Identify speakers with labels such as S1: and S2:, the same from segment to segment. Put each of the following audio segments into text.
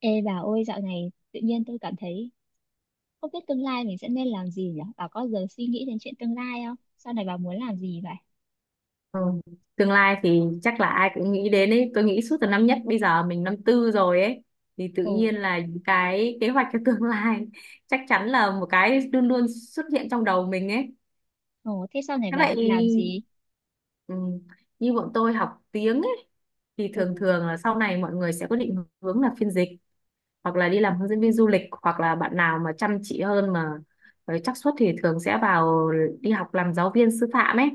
S1: Ê bà ơi, dạo này tự nhiên tôi cảm thấy không biết tương lai mình sẽ nên làm gì nhỉ? Bà có giờ suy nghĩ đến chuyện tương lai không? Sau này bà muốn làm gì vậy?
S2: Ừ. Tương lai thì chắc là ai cũng nghĩ đến ấy. Tôi nghĩ suốt từ năm nhất, bây giờ mình năm tư rồi ấy thì tự
S1: Ồ,
S2: nhiên là những cái kế hoạch cho tương lai chắc chắn là một cái luôn luôn xuất hiện trong đầu mình ấy.
S1: ồ thế sau này
S2: Thế
S1: bà
S2: vậy,
S1: định làm gì?
S2: ừ, như bọn tôi học tiếng ấy thì
S1: Ồ.
S2: thường thường là sau này mọi người sẽ có định hướng là phiên dịch hoặc là đi làm hướng dẫn viên du lịch hoặc là bạn nào mà chăm chỉ hơn mà với xác suất thì thường sẽ vào đi học làm giáo viên sư phạm ấy.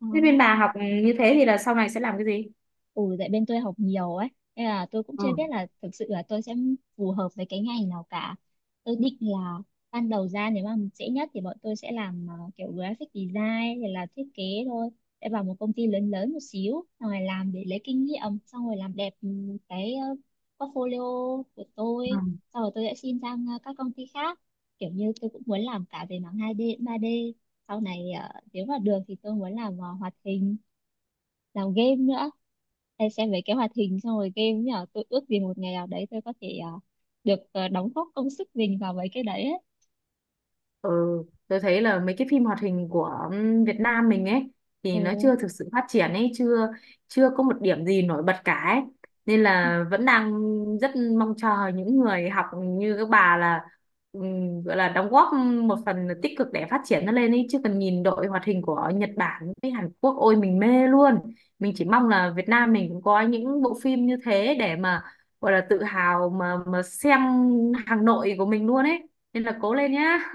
S1: À.
S2: Thế bên bà học như thế thì là sau này sẽ làm cái gì?
S1: Ừ, tại bên tôi học nhiều ấy nên là tôi cũng chưa biết là thực sự là tôi sẽ phù hợp với cái ngành nào cả. Tôi định là ban đầu ra nếu mà dễ nhất thì bọn tôi sẽ làm kiểu graphic design hay là thiết kế thôi, sẽ vào một công ty lớn lớn một xíu xong rồi làm để lấy kinh nghiệm xong rồi làm đẹp cái portfolio của
S2: Ừ.
S1: tôi. Sau rồi tôi sẽ xin sang các công ty khác, kiểu như tôi cũng muốn làm cả về mảng 2D 3D sau này. Ờ, Nếu mà được thì tôi muốn làm hoạt hình, làm game nữa. Hay xem mấy cái hoạt hình xong rồi game nhỉ, tôi ước gì một ngày nào đấy tôi có thể được đóng góp công sức mình vào mấy cái đấy ấy.
S2: Ừ, tôi thấy là mấy cái phim hoạt hình của Việt Nam mình ấy thì nó
S1: Ừ.
S2: chưa thực sự phát triển ấy, chưa chưa có một điểm gì nổi bật cả ấy. Nên là vẫn đang rất mong chờ những người học như các bà là, gọi là đóng góp một phần tích cực để phát triển nó lên ấy, chứ cần nhìn đội hoạt hình của Nhật Bản với Hàn Quốc, ôi mình mê luôn. Mình chỉ mong là Việt Nam mình cũng có những bộ phim như thế để mà gọi là tự hào mà xem hàng nội của mình luôn ấy. Nên là cố lên nhá.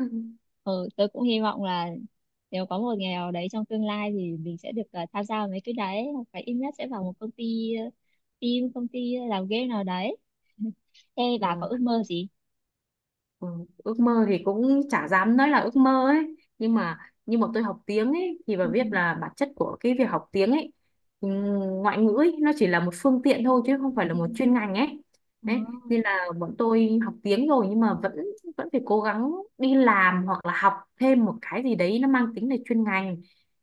S1: Ừ, tôi cũng hy vọng là nếu có một ngày nào đấy trong tương lai thì mình sẽ được tham gia vào mấy cái đấy, hoặc phải ít nhất sẽ vào một công ty team công ty làm game nào đấy. Thế
S2: Ờ,
S1: bà có ước mơ gì?
S2: ừ, ước mơ thì cũng chả dám nói là ước mơ ấy, nhưng mà tôi học tiếng ấy thì bà
S1: Ừ.
S2: biết là bản chất của cái việc học tiếng ấy, ừ, ngoại ngữ ấy, nó chỉ là một phương tiện thôi chứ không phải là
S1: Ừ.
S2: một chuyên ngành ấy.
S1: Ờ,
S2: Đấy nên là bọn tôi học tiếng rồi nhưng mà vẫn vẫn phải cố gắng đi làm hoặc là học thêm một cái gì đấy nó mang tính là chuyên ngành.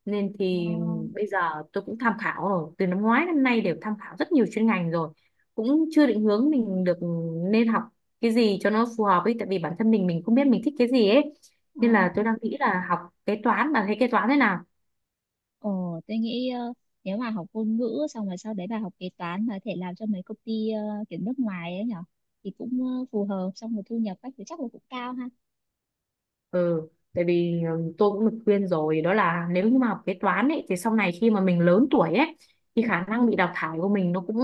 S2: Nên
S1: ờ,
S2: thì bây giờ tôi cũng tham khảo rồi, từ năm ngoái đến nay đều tham khảo rất nhiều chuyên ngành rồi cũng chưa định hướng mình được nên học cái gì cho nó phù hợp ấy, tại vì bản thân mình không biết mình thích cái gì ấy.
S1: ờ.
S2: Nên là tôi đang nghĩ là học kế toán, bà thấy kế toán thế nào?
S1: Ờ, tôi nghĩ nếu mà học ngôn ngữ xong rồi sau đấy bà học kế toán mà có thể làm cho mấy công ty kiểu nước ngoài ấy nhở, thì cũng phù hợp, xong rồi thu nhập các thứ chắc là cũng cao ha.
S2: Ừ, tại vì tôi cũng được khuyên rồi đó là nếu như mà học kế toán ấy thì sau này khi mà mình lớn tuổi ấy thì khả
S1: Ừ.
S2: năng bị đào thải của mình nó cũng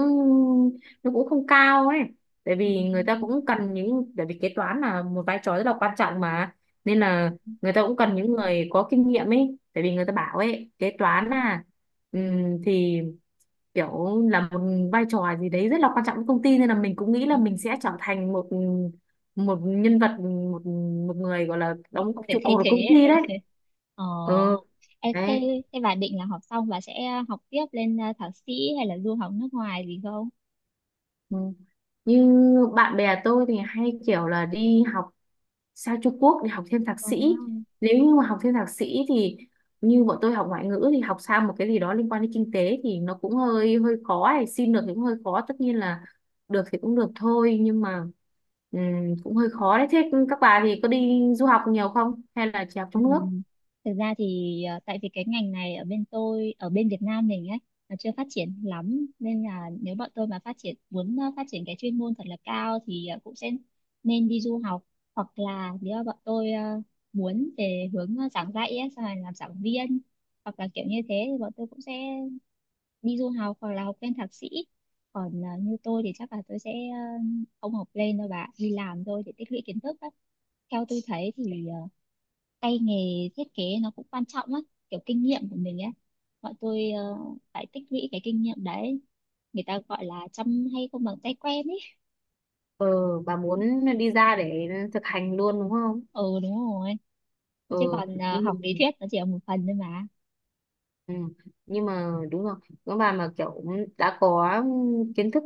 S2: không cao ấy. Tại vì người ta cũng cần những, tại vì kế toán là một vai trò rất là quan trọng mà, nên là người ta cũng cần những người có kinh nghiệm ấy. Tại vì người ta bảo ấy, kế toán là thì kiểu là một vai trò gì đấy rất là quan trọng với công ty, nên là mình cũng nghĩ là
S1: Ừ.
S2: mình sẽ trở thành một một nhân vật, một một người gọi là
S1: Kiểu
S2: đóng
S1: không thể
S2: trụ
S1: thay
S2: cột
S1: thế
S2: của công
S1: ấy.
S2: ty đấy.
S1: Ờ,
S2: Ừ.
S1: em thế,
S2: Đấy.
S1: thế bà định là học xong bà sẽ học tiếp lên thạc sĩ hay là du học nước ngoài gì không?
S2: Ừ. Như bạn bè tôi thì hay kiểu là đi học sang Trung Quốc để học thêm thạc
S1: À.
S2: sĩ. Nếu như mà học thêm thạc sĩ thì như bọn tôi học ngoại ngữ thì học sang một cái gì đó liên quan đến kinh tế thì nó cũng hơi hơi khó ấy. Xin được thì cũng hơi khó, tất nhiên là được thì cũng được thôi, nhưng mà ừm, cũng hơi khó đấy. Thế các bà thì có đi du học nhiều không hay là chỉ học
S1: Ừ.
S2: trong nước?
S1: Thực ra thì tại vì cái ngành này ở bên tôi, ở bên Việt Nam mình ấy, nó chưa phát triển lắm, nên là nếu bọn tôi mà phát triển muốn phát triển cái chuyên môn thật là cao thì cũng sẽ nên đi du học. Hoặc là nếu mà bọn tôi muốn về hướng giảng dạy ấy, xong rồi làm giảng viên hoặc là kiểu như thế thì bọn tôi cũng sẽ đi du học hoặc là học lên thạc sĩ. Còn như tôi thì chắc là tôi sẽ không học lên đâu bà ạ, đi làm thôi để tích lũy kiến thức á. Theo tôi thấy thì tay nghề thiết kế nó cũng quan trọng lắm, kiểu kinh nghiệm của mình ấy, bọn tôi phải tích lũy cái kinh nghiệm đấy, người ta gọi là chăm hay không bằng tay quen ấy.
S2: Ờ bà muốn đi ra để thực hành luôn đúng không?
S1: Ừ, đúng rồi. Chứ
S2: Ờ
S1: còn
S2: nhưng mà
S1: học lý thuyết nó chỉ là một phần thôi mà.
S2: Ừ. Nhưng mà đúng rồi, các bà mà kiểu đã có kiến thức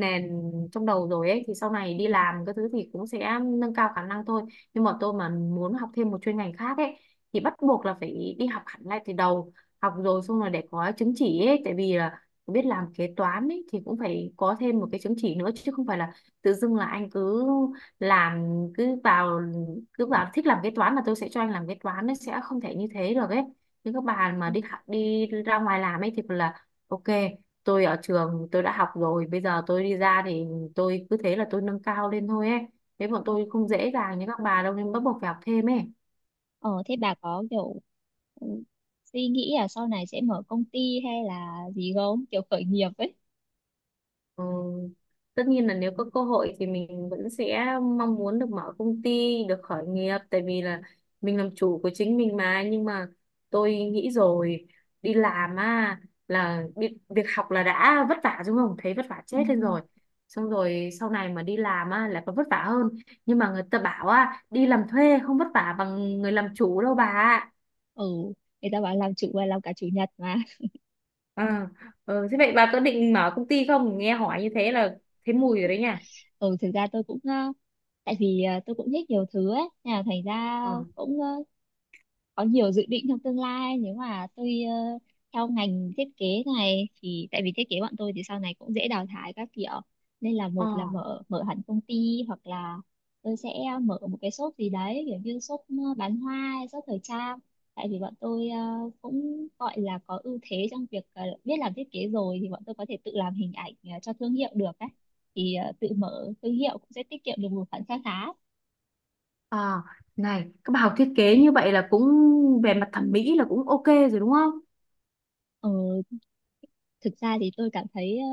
S2: nền trong đầu rồi ấy thì sau này đi làm cái thứ thì cũng sẽ nâng cao khả năng thôi. Nhưng mà tôi mà muốn học thêm một chuyên ngành khác ấy thì bắt buộc là phải đi học hẳn lại từ đầu, học rồi xong rồi để có chứng chỉ ấy, tại vì là biết làm kế toán ấy thì cũng phải có thêm một cái chứng chỉ nữa, chứ không phải là tự dưng là anh cứ làm cứ vào cứ vào thích làm kế toán là tôi sẽ cho anh làm kế toán, nó sẽ không thể như thế được ấy. Những các bà mà đi học đi ra ngoài làm ấy thì là ok, tôi ở trường tôi đã học rồi bây giờ tôi đi ra thì tôi cứ thế là tôi nâng cao lên thôi ấy. Thế bọn tôi không dễ dàng như các bà đâu nên bắt buộc phải học thêm ấy.
S1: Ờ thế bà có kiểu ừ, suy nghĩ là sau này sẽ mở công ty hay là gì không, kiểu khởi nghiệp ấy?
S2: Ờ, tất nhiên là nếu có cơ hội thì mình vẫn sẽ mong muốn được mở công ty, được khởi nghiệp, tại vì là mình làm chủ của chính mình mà. Nhưng mà tôi nghĩ rồi, đi làm á, là việc học là đã vất vả đúng không? Thấy vất vả
S1: Ừ.
S2: chết lên rồi. Xong rồi sau này mà đi làm á lại còn vất vả hơn. Nhưng mà người ta bảo á, đi làm thuê không vất vả bằng người làm chủ đâu bà ạ.
S1: Ừ, người ta bảo làm chủ và làm cả chủ nhật mà.
S2: À, thế vậy bà có định mở công ty không? Nghe hỏi như thế là thấy mùi rồi đấy nha.
S1: Ừ, thực ra tôi cũng tại vì tôi cũng thích nhiều thứ ấy nên là thành ra
S2: Ờ.
S1: cũng có nhiều dự định trong tương lai. Nếu mà tôi theo ngành thiết kế này thì tại vì thiết kế bọn tôi thì sau này cũng dễ đào thải các kiểu, nên là
S2: Ờ.
S1: một là mở mở hẳn công ty, hoặc là tôi sẽ mở một cái shop gì đấy, kiểu như shop bán hoa hay shop thời trang. Tại vì bọn tôi cũng gọi là có ưu thế trong việc biết làm thiết kế rồi thì bọn tôi có thể tự làm hình ảnh cho thương hiệu được đấy, thì tự mở thương hiệu cũng sẽ tiết kiệm được một khoản kha khá.
S2: À, này, các bà học thiết kế như vậy là cũng về mặt thẩm mỹ là cũng ok rồi đúng không?
S1: ờ, Thực ra thì tôi cảm thấy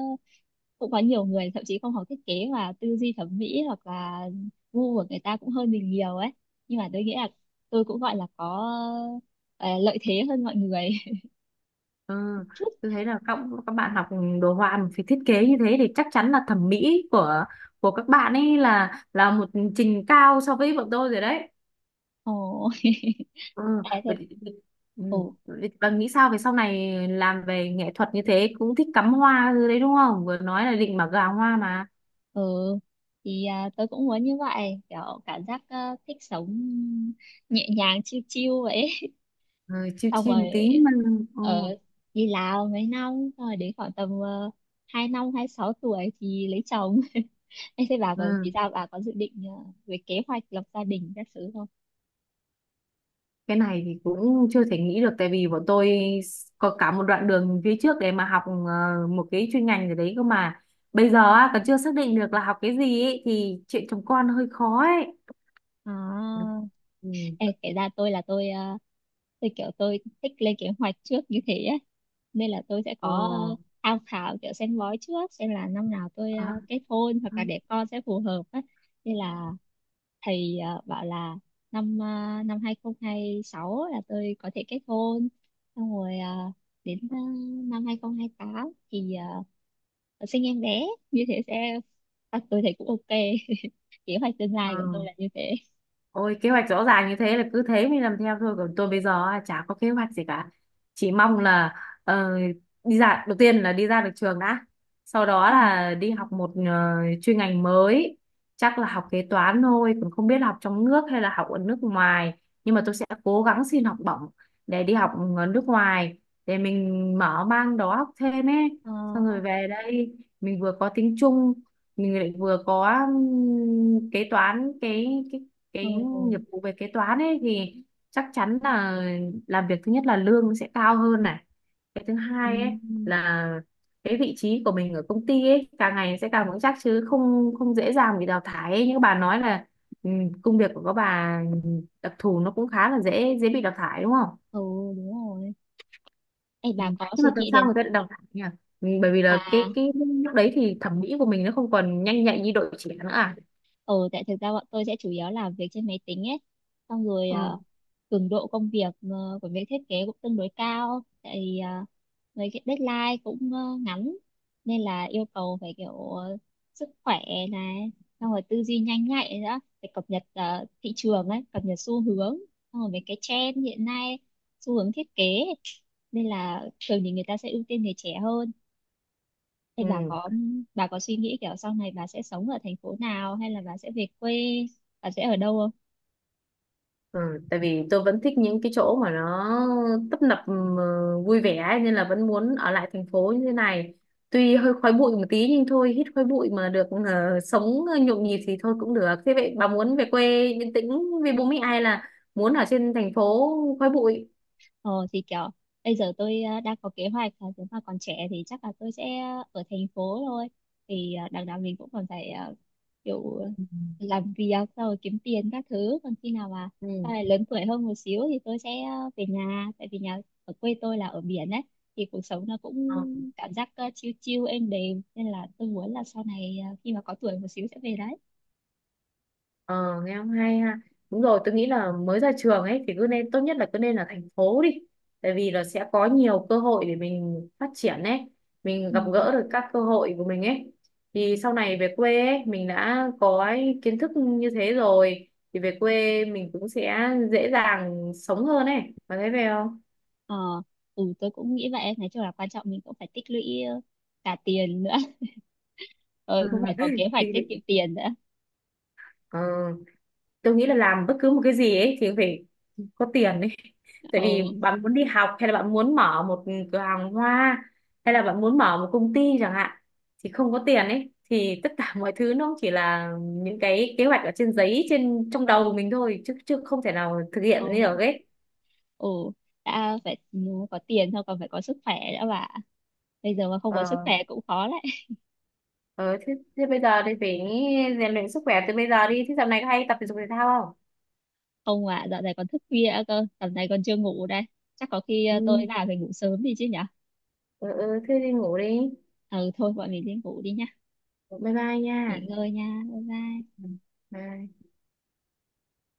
S1: cũng có nhiều người thậm chí không học thiết kế mà tư duy thẩm mỹ hoặc là gu của người ta cũng hơn mình nhiều ấy. Nhưng mà tôi nghĩ là tôi cũng gọi là có lợi thế hơn mọi người
S2: Ừ,
S1: chút.
S2: tôi thấy là các bạn học đồ họa mà phải thiết kế như thế thì chắc chắn là thẩm mỹ của các bạn ấy là một trình cao so với bọn tôi rồi đấy.
S1: Ồ.
S2: Ừ,
S1: Thế.
S2: vậy, thì- ừ,
S1: Ồ,
S2: vậy bà nghĩ sao về sau này làm về nghệ thuật như thế, cũng thích cắm hoa rồi đấy đúng không? Vừa nói là định bảo gà hoa mà.
S1: ừ, thì tôi cũng muốn như vậy, kiểu cảm giác thích sống nhẹ nhàng, chill chill vậy.
S2: Ừ, chiêu
S1: Xong
S2: chiêu
S1: rồi
S2: một tí mà. Ừ,
S1: ở đi Lào mấy năm, xong rồi đến khoảng tầm hai năm hai sáu tuổi thì lấy chồng. Em thấy bà còn
S2: ừ.
S1: thì sao, bà có dự định về kế hoạch lập gia đình các thứ không?
S2: Cái này thì cũng chưa thể nghĩ được tại vì bọn tôi có cả một đoạn đường phía trước để mà học một cái chuyên ngành gì đấy cơ mà, bây
S1: Ừ.
S2: giờ á, còn chưa xác định được là học cái gì ấy, thì chuyện chồng con hơi khó ấy.
S1: À,
S2: Ừ.
S1: em kể ra tôi là tôi tôi kiểu tôi thích lên kế hoạch trước như thế ấy. Nên là tôi sẽ
S2: Ờ,
S1: có tham khảo kiểu xem bói trước xem là năm nào tôi
S2: ờ,
S1: kết hôn hoặc là để con sẽ phù hợp á. Nên là thì bảo là năm năm 2026 là tôi có thể kết hôn, xong rồi đến năm 2028 thì uh, sinh em bé, như thế sẽ tôi thấy cũng ok. Kế hoạch tương
S2: ờ.
S1: lai của tôi là như thế.
S2: Ôi kế hoạch rõ ràng như thế là cứ thế mình làm theo thôi, còn tôi bây giờ á, chả có kế hoạch gì cả, chỉ mong là ờ, đi ra, đầu tiên là đi ra được trường đã, sau đó
S1: Ừ.
S2: là đi học một chuyên ngành mới, chắc là học kế toán thôi, cũng không biết là học trong nước hay là học ở nước ngoài. Nhưng mà tôi sẽ cố gắng xin học bổng để đi học ở nước ngoài để mình mở mang đó, học thêm ấy.
S1: Ờ,
S2: Xong rồi về đây mình vừa có tiếng Trung, mình lại vừa có kế toán, cái
S1: ừ.
S2: cái nghiệp vụ về kế toán ấy, thì chắc chắn là làm việc, thứ nhất là lương sẽ cao hơn này, cái thứ
S1: Ừ.
S2: hai ấy là cái vị trí của mình ở công ty ấy càng ngày sẽ càng vững chắc, chứ không không dễ dàng bị đào thải ấy. Như các bà nói là, ừ, công việc của các bà đặc thù nó cũng khá là dễ dễ bị đào thải đúng không?
S1: Ừ, đúng rồi. Ê,
S2: Ừ.
S1: bà có
S2: Nhưng mà
S1: suy
S2: tại
S1: nghĩ
S2: sao
S1: đến,
S2: người ta lại đào thải nhỉ? Ừ, bởi vì là cái
S1: à
S2: cái lúc đấy thì thẩm mỹ của mình nó không còn nhanh nhạy như đội trẻ nữa à?
S1: ờ tại thực ra bọn tôi sẽ chủ yếu làm việc trên máy tính ấy, xong rồi
S2: Ừ.
S1: cường độ công việc của việc thiết kế cũng tương đối cao, tại vì với cái deadline cũng ngắn, nên là yêu cầu phải kiểu sức khỏe này, xong rồi tư duy nhanh nhạy nữa, phải cập nhật thị trường ấy, cập nhật xu hướng, xong rồi mấy cái trend hiện nay, xu hướng thiết kế, nên là thường thì người ta sẽ ưu tiên người trẻ hơn. Thì bà
S2: Ừ.
S1: có bà có suy nghĩ kiểu sau này bà sẽ sống ở thành phố nào hay là bà sẽ về quê, bà sẽ ở đâu không?
S2: Ừ, tại vì tôi vẫn thích những cái chỗ mà nó tấp nập, vui vẻ ấy, nên là vẫn muốn ở lại thành phố như thế này. Tuy hơi khói bụi một tí nhưng thôi, hít khói bụi mà được sống nhộn nhịp thì thôi cũng được. Thế vậy bà muốn về quê yên tĩnh với bố mẹ hay là muốn ở trên thành phố khói bụi?
S1: Ờ thì kiểu bây giờ tôi đang có kế hoạch là nếu mà còn trẻ thì chắc là tôi sẽ ở thành phố thôi. Thì đằng nào mình cũng còn phải kiểu
S2: Ừ.
S1: làm việc rồi kiếm tiền các thứ. Còn khi nào mà sau
S2: Ừ.
S1: này lớn tuổi hơn một xíu thì tôi sẽ về nhà, tại vì nhà ở quê tôi là ở biển đấy, thì cuộc sống nó cũng cảm giác chill chill êm đềm, nên là tôi muốn là sau này khi mà có tuổi một xíu sẽ về đấy.
S2: Ờ, nghe không hay ha. Đúng rồi, tôi nghĩ là mới ra trường ấy thì cứ nên tốt nhất là cứ nên là thành phố đi. Tại vì là sẽ có nhiều cơ hội để mình phát triển ấy, mình
S1: Ừ.
S2: gặp gỡ được các cơ hội của mình ấy. Thì sau này về quê ấy, mình đã có ấy, kiến thức như thế rồi thì về quê mình cũng sẽ dễ dàng sống hơn ấy. Bạn thấy về không?
S1: Ờ, ừ, tôi cũng nghĩ vậy. Nói chung là quan trọng mình cũng phải tích lũy ờ, cả tiền nữa. Ờ, cũng phải có kế hoạch tiết kiệm tiền nữa.
S2: Ờ. Tôi nghĩ là làm bất cứ một cái gì ấy thì phải có tiền ấy, tại
S1: Ờ,
S2: vì bạn muốn đi học hay là bạn muốn mở một cửa hàng hoa hay là bạn muốn mở một công ty chẳng hạn thì không có tiền ấy thì tất cả mọi thứ nó chỉ là những cái kế hoạch ở trên giấy, trên trong đầu của mình thôi, chứ chứ không thể nào thực
S1: ờ,
S2: hiện như được ấy.
S1: ờ, đã phải có tiền thôi, còn phải có sức khỏe nữa bà. Bây giờ mà không có sức
S2: ờ,
S1: khỏe cũng khó đấy.
S2: ờ thế, thế bây giờ thì phải rèn luyện sức khỏe từ bây giờ đi. Thế dạo này có hay tập thể dục thể thao không?
S1: Không, mà dạo này còn thức khuya nữa cơ, tầm này còn chưa ngủ đây. Chắc có khi
S2: Ừ,
S1: tôi vào phải ngủ sớm đi chứ nhở?
S2: ừ, ừ. Thế đi ngủ đi.
S1: Ừ, thôi bọn mình đi ngủ đi nhá.
S2: Bye bye
S1: Nghỉ
S2: nha.
S1: ngơi nha, bye bye.
S2: Ừ. Bye.